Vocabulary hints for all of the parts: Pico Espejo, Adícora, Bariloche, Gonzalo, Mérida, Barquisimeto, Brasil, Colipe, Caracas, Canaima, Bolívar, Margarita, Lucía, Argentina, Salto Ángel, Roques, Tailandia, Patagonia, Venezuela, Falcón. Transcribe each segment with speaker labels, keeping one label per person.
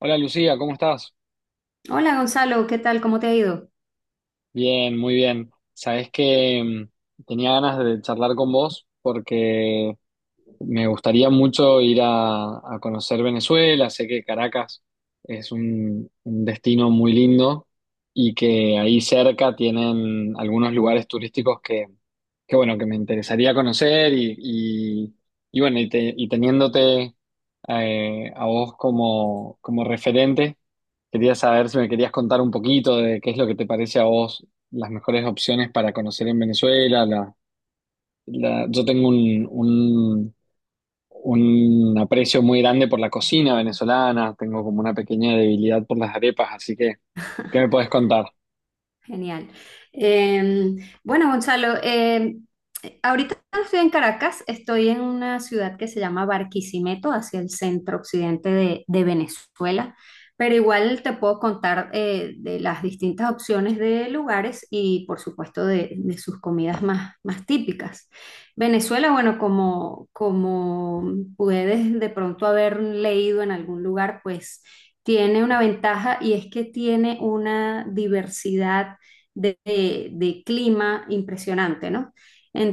Speaker 1: Hola Lucía, ¿cómo estás?
Speaker 2: Hola Gonzalo, ¿qué tal? ¿Cómo te ha ido?
Speaker 1: Bien, muy bien. Sabés que tenía ganas de charlar con vos porque me gustaría mucho ir a conocer Venezuela. Sé que Caracas es un destino muy lindo y que ahí cerca tienen algunos lugares turísticos que bueno, que me interesaría conocer y bueno, y teniéndote a vos como referente, quería saber si me querías contar un poquito de qué es lo que te parece a vos las mejores opciones para conocer en Venezuela. Yo tengo un aprecio muy grande por la cocina venezolana, tengo como una pequeña debilidad por las arepas, así que, ¿qué me puedes contar?
Speaker 2: Genial. Eh, bueno, Gonzalo, ahorita estoy en Caracas, estoy en una ciudad que se llama Barquisimeto, hacia el centro occidente de Venezuela, pero igual te puedo contar de las distintas opciones de lugares y por supuesto de sus comidas más, más típicas. Venezuela, bueno, como, como puedes de pronto haber leído en algún lugar, pues tiene una ventaja y es que tiene una diversidad de clima impresionante, ¿no?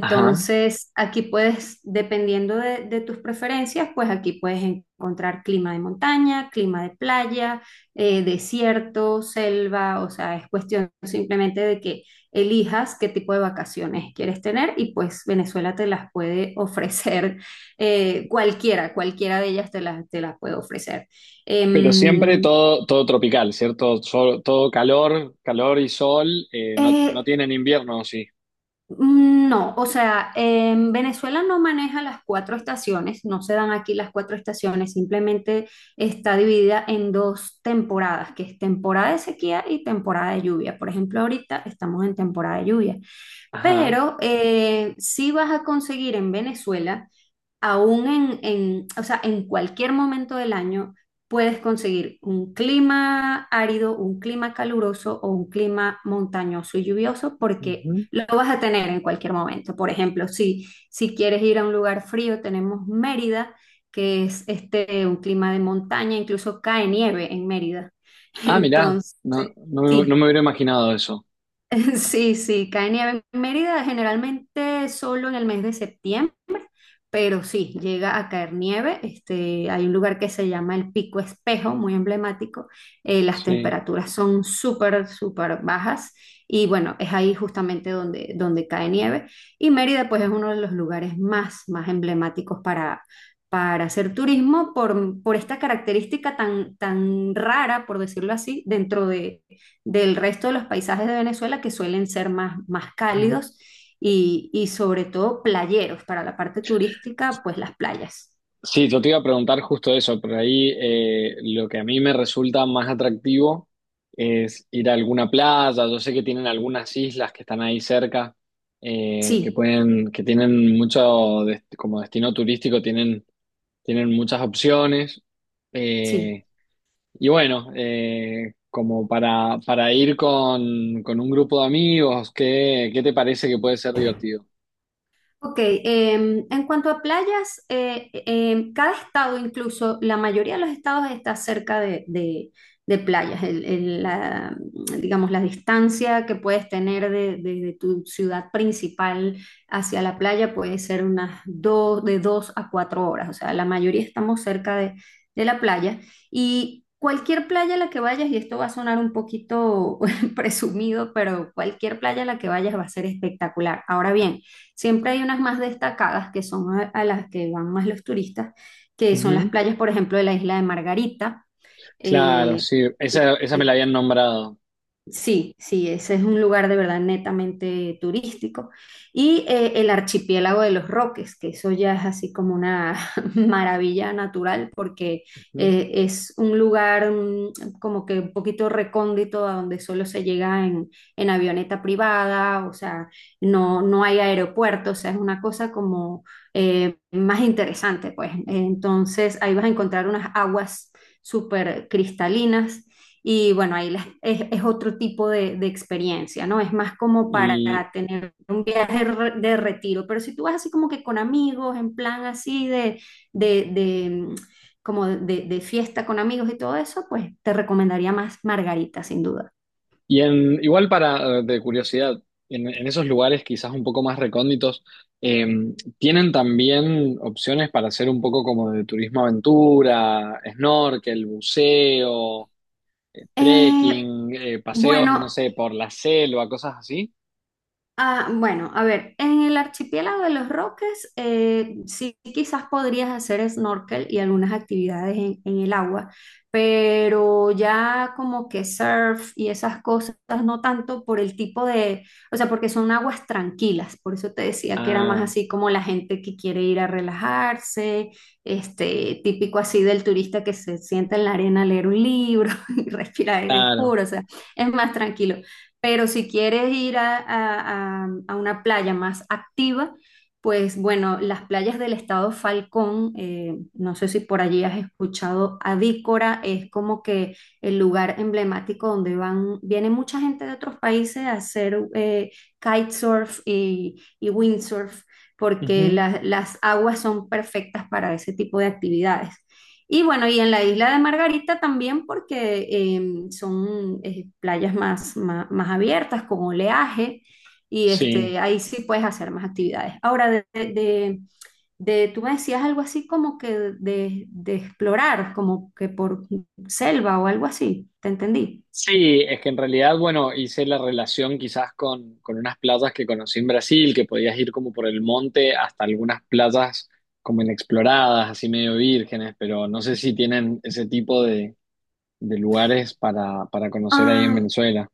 Speaker 1: Ajá.
Speaker 2: aquí puedes, dependiendo de tus preferencias, pues aquí puedes encontrar clima de montaña, clima de playa, desierto, selva, o sea, es cuestión simplemente de que elijas qué tipo de vacaciones quieres tener y pues Venezuela te las puede ofrecer cualquiera, cualquiera de ellas te las puede ofrecer.
Speaker 1: Pero siempre
Speaker 2: Em,
Speaker 1: todo, todo tropical, ¿cierto? Todo calor, calor y sol, no, no
Speaker 2: eh,
Speaker 1: tienen invierno, ¿o sí?
Speaker 2: No, o sea, en Venezuela no maneja las cuatro estaciones, no se dan aquí las cuatro estaciones, simplemente está dividida en dos temporadas, que es temporada de sequía y temporada de lluvia. Por ejemplo, ahorita estamos en temporada de lluvia,
Speaker 1: Ajá.
Speaker 2: pero sí vas a conseguir en Venezuela aún o sea, en cualquier momento del año puedes conseguir un clima árido, un clima caluroso o un clima montañoso y lluvioso porque
Speaker 1: Ujú.
Speaker 2: lo vas a tener en cualquier momento. Por ejemplo, si, si quieres ir a un lugar frío, tenemos Mérida, que es este, un clima de montaña, incluso cae nieve en Mérida.
Speaker 1: Ah, mirá,
Speaker 2: Entonces,
Speaker 1: no
Speaker 2: sí,
Speaker 1: me hubiera imaginado eso.
Speaker 2: sí, sí, cae nieve en Mérida generalmente solo en el mes de septiembre pero sí, llega a caer nieve. Este, hay un lugar que se llama el Pico Espejo, muy emblemático. Las
Speaker 1: Sí.
Speaker 2: temperaturas son súper, súper bajas y bueno, es ahí justamente donde, donde cae nieve. Y Mérida pues es uno de los lugares más, más emblemáticos para hacer turismo por esta característica tan, tan rara, por decirlo así, dentro de, del resto de los paisajes de Venezuela que suelen ser más, más cálidos y sobre todo playeros para la parte turística, pues las playas.
Speaker 1: Sí, yo te iba a preguntar justo eso, por ahí lo que a mí me resulta más atractivo es ir a alguna playa, yo sé que tienen algunas islas que están ahí cerca, que
Speaker 2: Sí,
Speaker 1: pueden, que tienen mucho, como destino turístico, tienen, tienen muchas opciones,
Speaker 2: sí.
Speaker 1: eh, y bueno, como para ir con un grupo de amigos, ¿qué, qué te parece que puede ser divertido?
Speaker 2: Ok, en cuanto a playas, cada estado, incluso la mayoría de los estados está cerca de playas. Digamos, la distancia que puedes tener de tu ciudad principal hacia la playa puede ser unas dos, de dos a cuatro horas. O sea, la mayoría estamos cerca de la playa. Y cualquier playa a la que vayas, y esto va a sonar un poquito presumido, pero cualquier playa a la que vayas va a ser espectacular. Ahora bien, siempre hay unas más destacadas que son a las que van más los turistas, que son las
Speaker 1: Ujú.
Speaker 2: playas, por ejemplo, de la isla de Margarita,
Speaker 1: Claro,
Speaker 2: eh,
Speaker 1: sí, esa,
Speaker 2: que,
Speaker 1: esa me la habían nombrado.
Speaker 2: sí, sí, ese es un lugar de verdad netamente turístico. Y el archipiélago de los Roques, que eso ya es así como una maravilla natural, porque
Speaker 1: Ujú.
Speaker 2: es un lugar como que un poquito recóndito a donde solo se llega en avioneta privada, o sea, no, no hay aeropuerto, o sea, es una cosa como más interesante, pues. Entonces ahí vas a encontrar unas aguas súper cristalinas y bueno, es otro tipo de experiencia, ¿no? Es más como para
Speaker 1: Y,
Speaker 2: tener un viaje de retiro, pero si tú vas así como que con amigos, en plan así de, de, mm, como de fiesta con amigos y todo eso, pues te recomendaría más Margarita, sin duda.
Speaker 1: y en, igual para, de curiosidad, en esos lugares quizás un poco más recónditos, eh, ¿tienen también opciones para hacer un poco como de turismo aventura, snorkel, buceo,
Speaker 2: Eh,
Speaker 1: trekking, paseos, no
Speaker 2: bueno,
Speaker 1: sé, por la selva, cosas así?
Speaker 2: Bueno, a ver, en el archipiélago de los Roques, sí quizás podrías hacer snorkel y algunas actividades en el agua, pero ya como que surf y esas cosas, no tanto por el tipo de, o sea, porque son aguas tranquilas, por eso te decía que era más
Speaker 1: Ah,
Speaker 2: así como la gente que quiere ir a relajarse, este, típico así del turista que se sienta en la arena a leer un libro y respirar aire
Speaker 1: claro.
Speaker 2: puro, o sea, es más tranquilo. Pero si quieres ir a, a una playa más activa, pues bueno, las playas del estado Falcón, no sé si por allí has escuchado, Adícora es como que el lugar emblemático donde van, viene mucha gente de otros países a hacer kitesurf y windsurf, porque
Speaker 1: Ujú.
Speaker 2: las aguas son perfectas para ese tipo de actividades. Y bueno, y en la isla de Margarita también porque son playas más, más, más abiertas, con oleaje, y
Speaker 1: Sí.
Speaker 2: este, ahí sí puedes hacer más actividades. Ahora, tú me decías algo así como que de explorar, como que por selva o algo así, ¿te entendí?
Speaker 1: Sí, es que en realidad, bueno, hice la relación quizás con unas playas que conocí en Brasil, que podías ir como por el monte hasta algunas playas como inexploradas, así medio vírgenes, pero no sé si tienen ese tipo de lugares para conocer ahí en Venezuela.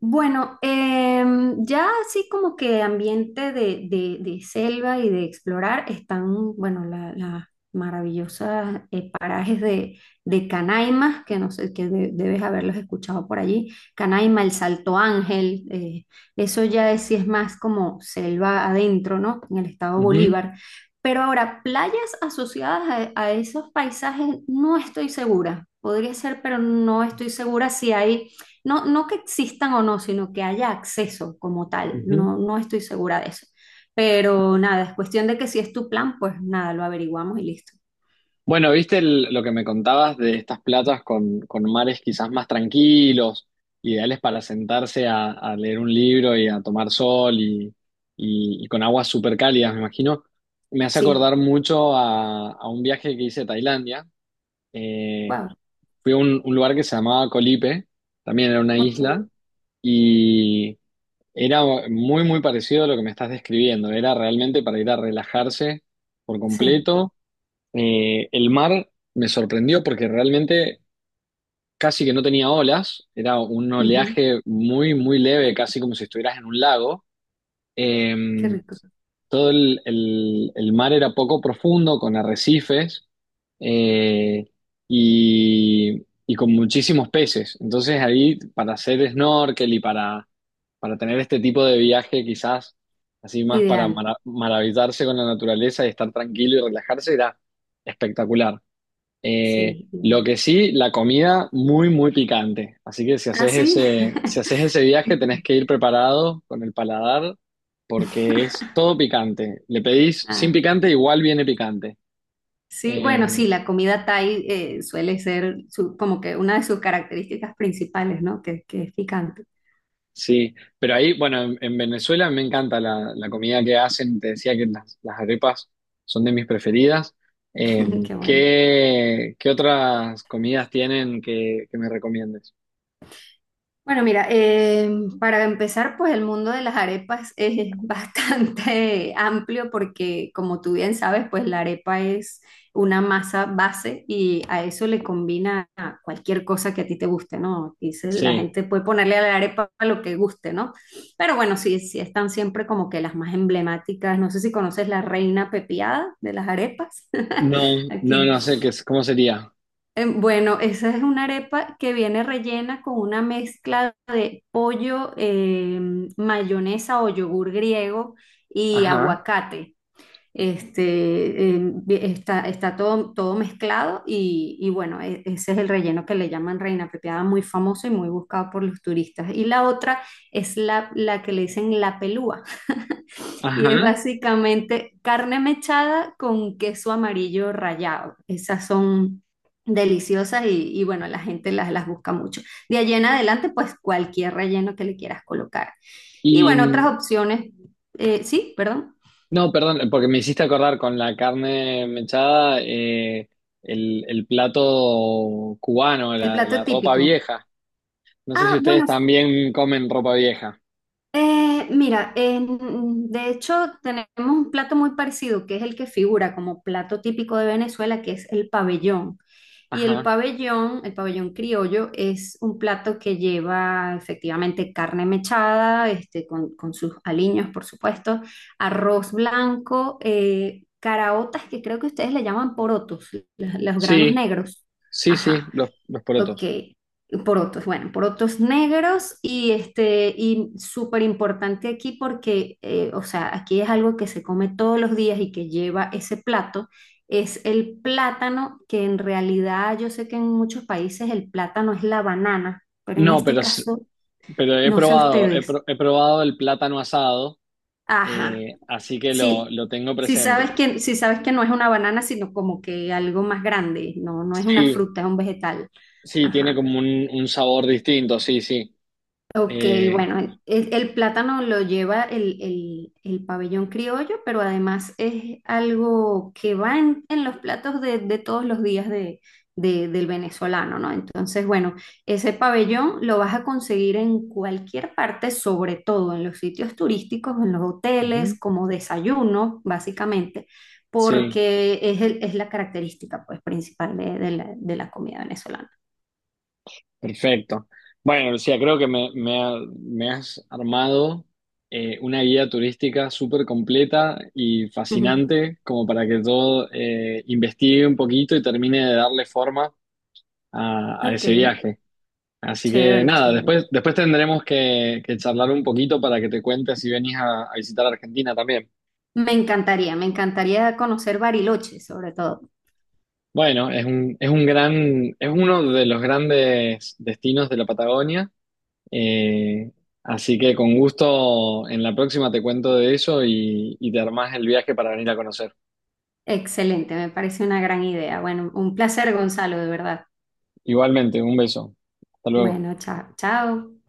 Speaker 2: Bueno, ya así como que ambiente de selva y de explorar están, bueno, las maravillosas parajes de Canaima, que no sé, que debes haberlos escuchado por allí. Canaima, el Salto Ángel, eso ya es, sí es más como selva adentro, ¿no? En el estado
Speaker 1: Ujú,
Speaker 2: Bolívar. Pero ahora, playas asociadas a esos paisajes, no estoy segura. Podría ser, pero no estoy segura si hay no, no que existan o no, sino que haya acceso como tal.
Speaker 1: ujú.
Speaker 2: No, no estoy segura de eso. Pero nada, es cuestión de que si es tu plan, pues nada, lo averiguamos y listo.
Speaker 1: Bueno, viste lo que me contabas de estas playas con mares quizás más tranquilos, ideales para sentarse a leer un libro y a tomar sol y con aguas súper cálidas, me imagino. Me hace
Speaker 2: Sí,
Speaker 1: acordar mucho a un viaje que hice a Tailandia. Eh,
Speaker 2: wow,
Speaker 1: fui a un lugar que se llamaba Colipe, también era una
Speaker 2: ok,
Speaker 1: isla, y era muy, muy parecido a lo que me estás describiendo. Era realmente para ir a relajarse por
Speaker 2: sí,
Speaker 1: completo. Eh, el mar me sorprendió porque realmente casi que no tenía olas, era un
Speaker 2: ujú,
Speaker 1: oleaje muy, muy leve, casi como si estuvieras en un lago. Eh,
Speaker 2: qué rico.
Speaker 1: todo el mar era poco profundo, con arrecifes eh, y con muchísimos peces. Entonces ahí para hacer snorkel y para tener este tipo de viaje quizás, así más para
Speaker 2: Ideal,
Speaker 1: maravillarse con la naturaleza y estar tranquilo y relajarse, era espectacular.
Speaker 2: sí,
Speaker 1: Lo
Speaker 2: ideal.
Speaker 1: que sí, la comida muy, muy picante. Así que si
Speaker 2: Ah,
Speaker 1: haces
Speaker 2: sí.
Speaker 1: si haces ese viaje, tenés que ir preparado con el paladar porque es todo picante. Le pedís sin
Speaker 2: Ah,
Speaker 1: picante, igual viene picante.
Speaker 2: sí,
Speaker 1: Eh,
Speaker 2: bueno, sí, la comida Thai suele ser como que una de sus características principales, ¿no? Que es picante.
Speaker 1: sí, pero ahí, bueno, en Venezuela me encanta la comida que hacen. Te decía que las arepas son de mis preferidas.
Speaker 2: Qué bueno.
Speaker 1: ¿Qué, qué otras comidas tienen que me recomiendes?
Speaker 2: Bueno, mira, para empezar, pues el mundo de las arepas es bastante amplio porque, como tú bien sabes, pues la arepa es una masa base y a eso le combina cualquier cosa que a ti te guste, ¿no? Dice, la
Speaker 1: Sí,
Speaker 2: gente puede ponerle a la arepa lo que guste, ¿no? Pero bueno, sí, sí están siempre como que las más emblemáticas. No sé si conoces la reina pepiada de las arepas. Aquí
Speaker 1: no sé qué, cómo sería.
Speaker 2: Bueno, esa es una arepa que viene rellena con una mezcla de pollo, mayonesa o yogur griego y
Speaker 1: Ajá,
Speaker 2: aguacate. Este, está, está todo, todo mezclado y bueno, ese es el relleno que le llaman reina pepiada, muy famoso y muy buscado por los turistas. Y la otra es la, la que le dicen la pelúa y es
Speaker 1: ajá.
Speaker 2: básicamente carne mechada con queso amarillo rallado. Esas son deliciosas y bueno, la gente las busca mucho. De allí en adelante, pues cualquier relleno que le quieras colocar. Y
Speaker 1: Y
Speaker 2: bueno, otras
Speaker 1: mm,
Speaker 2: opciones. Sí, perdón.
Speaker 1: no, perdón, porque me hiciste acordar con la carne mechada, el plato cubano,
Speaker 2: El plato
Speaker 1: la ropa
Speaker 2: típico.
Speaker 1: vieja. No sé si
Speaker 2: Ah,
Speaker 1: ustedes
Speaker 2: bueno,
Speaker 1: también comen ropa vieja.
Speaker 2: Mira, de hecho tenemos un plato muy parecido, que es el que figura como plato típico de Venezuela, que es el pabellón. Y
Speaker 1: Ajá.
Speaker 2: el pabellón criollo, es un plato que lleva efectivamente carne mechada, este, con sus aliños, por supuesto, arroz blanco, caraotas, que creo que ustedes le llaman porotos, los granos
Speaker 1: Sí,
Speaker 2: negros.
Speaker 1: sí, sí,
Speaker 2: Ajá.
Speaker 1: los
Speaker 2: Ok,
Speaker 1: porotos.
Speaker 2: porotos, bueno, porotos negros y este, y súper importante aquí porque, o sea, aquí es algo que se come todos los días y que lleva ese plato, es el plátano, que en realidad yo sé que en muchos países el plátano es la banana, pero en
Speaker 1: No,
Speaker 2: este
Speaker 1: pero,
Speaker 2: caso,
Speaker 1: pero he
Speaker 2: no sé
Speaker 1: probado,
Speaker 2: ustedes.
Speaker 1: he probado el plátano asado,
Speaker 2: Ajá,
Speaker 1: así que
Speaker 2: sí,
Speaker 1: lo tengo presente.
Speaker 2: sí sabes que no es una banana, sino como que algo más grande, no, no es una
Speaker 1: Sí,
Speaker 2: fruta, es un vegetal.
Speaker 1: sí, tiene
Speaker 2: Ajá.
Speaker 1: como un sabor distinto, sí, sí.
Speaker 2: Ok,
Speaker 1: Eh,
Speaker 2: bueno, el plátano lo lleva el pabellón criollo, pero además es algo que va en los platos de todos los días del venezolano, ¿no? Entonces, bueno, ese pabellón lo vas a conseguir en cualquier parte, sobre todo en los sitios turísticos, en los
Speaker 1: ujú,
Speaker 2: hoteles, como desayuno, básicamente,
Speaker 1: sí.
Speaker 2: porque es, es la característica, pues, principal de la comida venezolana.
Speaker 1: Perfecto. Bueno, Lucía, creo que me has armado una guía turística súper completa y fascinante, como para que yo investigue un poquito y termine de darle forma a
Speaker 2: Ok,
Speaker 1: ese viaje. Así que
Speaker 2: chévere,
Speaker 1: nada,
Speaker 2: chévere.
Speaker 1: después tendremos que charlar un poquito para que te cuentes si venís a visitar Argentina también.
Speaker 2: Me encantaría conocer Bariloche, sobre todo.
Speaker 1: Bueno, es es uno de los grandes destinos de la Patagonia. Eh, así que con gusto en la próxima te cuento de eso y te armás el viaje para venir a conocer.
Speaker 2: Excelente, me parece una gran idea. Bueno, un placer, Gonzalo, de verdad.
Speaker 1: Igualmente, un beso. Hasta luego.
Speaker 2: Bueno, chao, chao.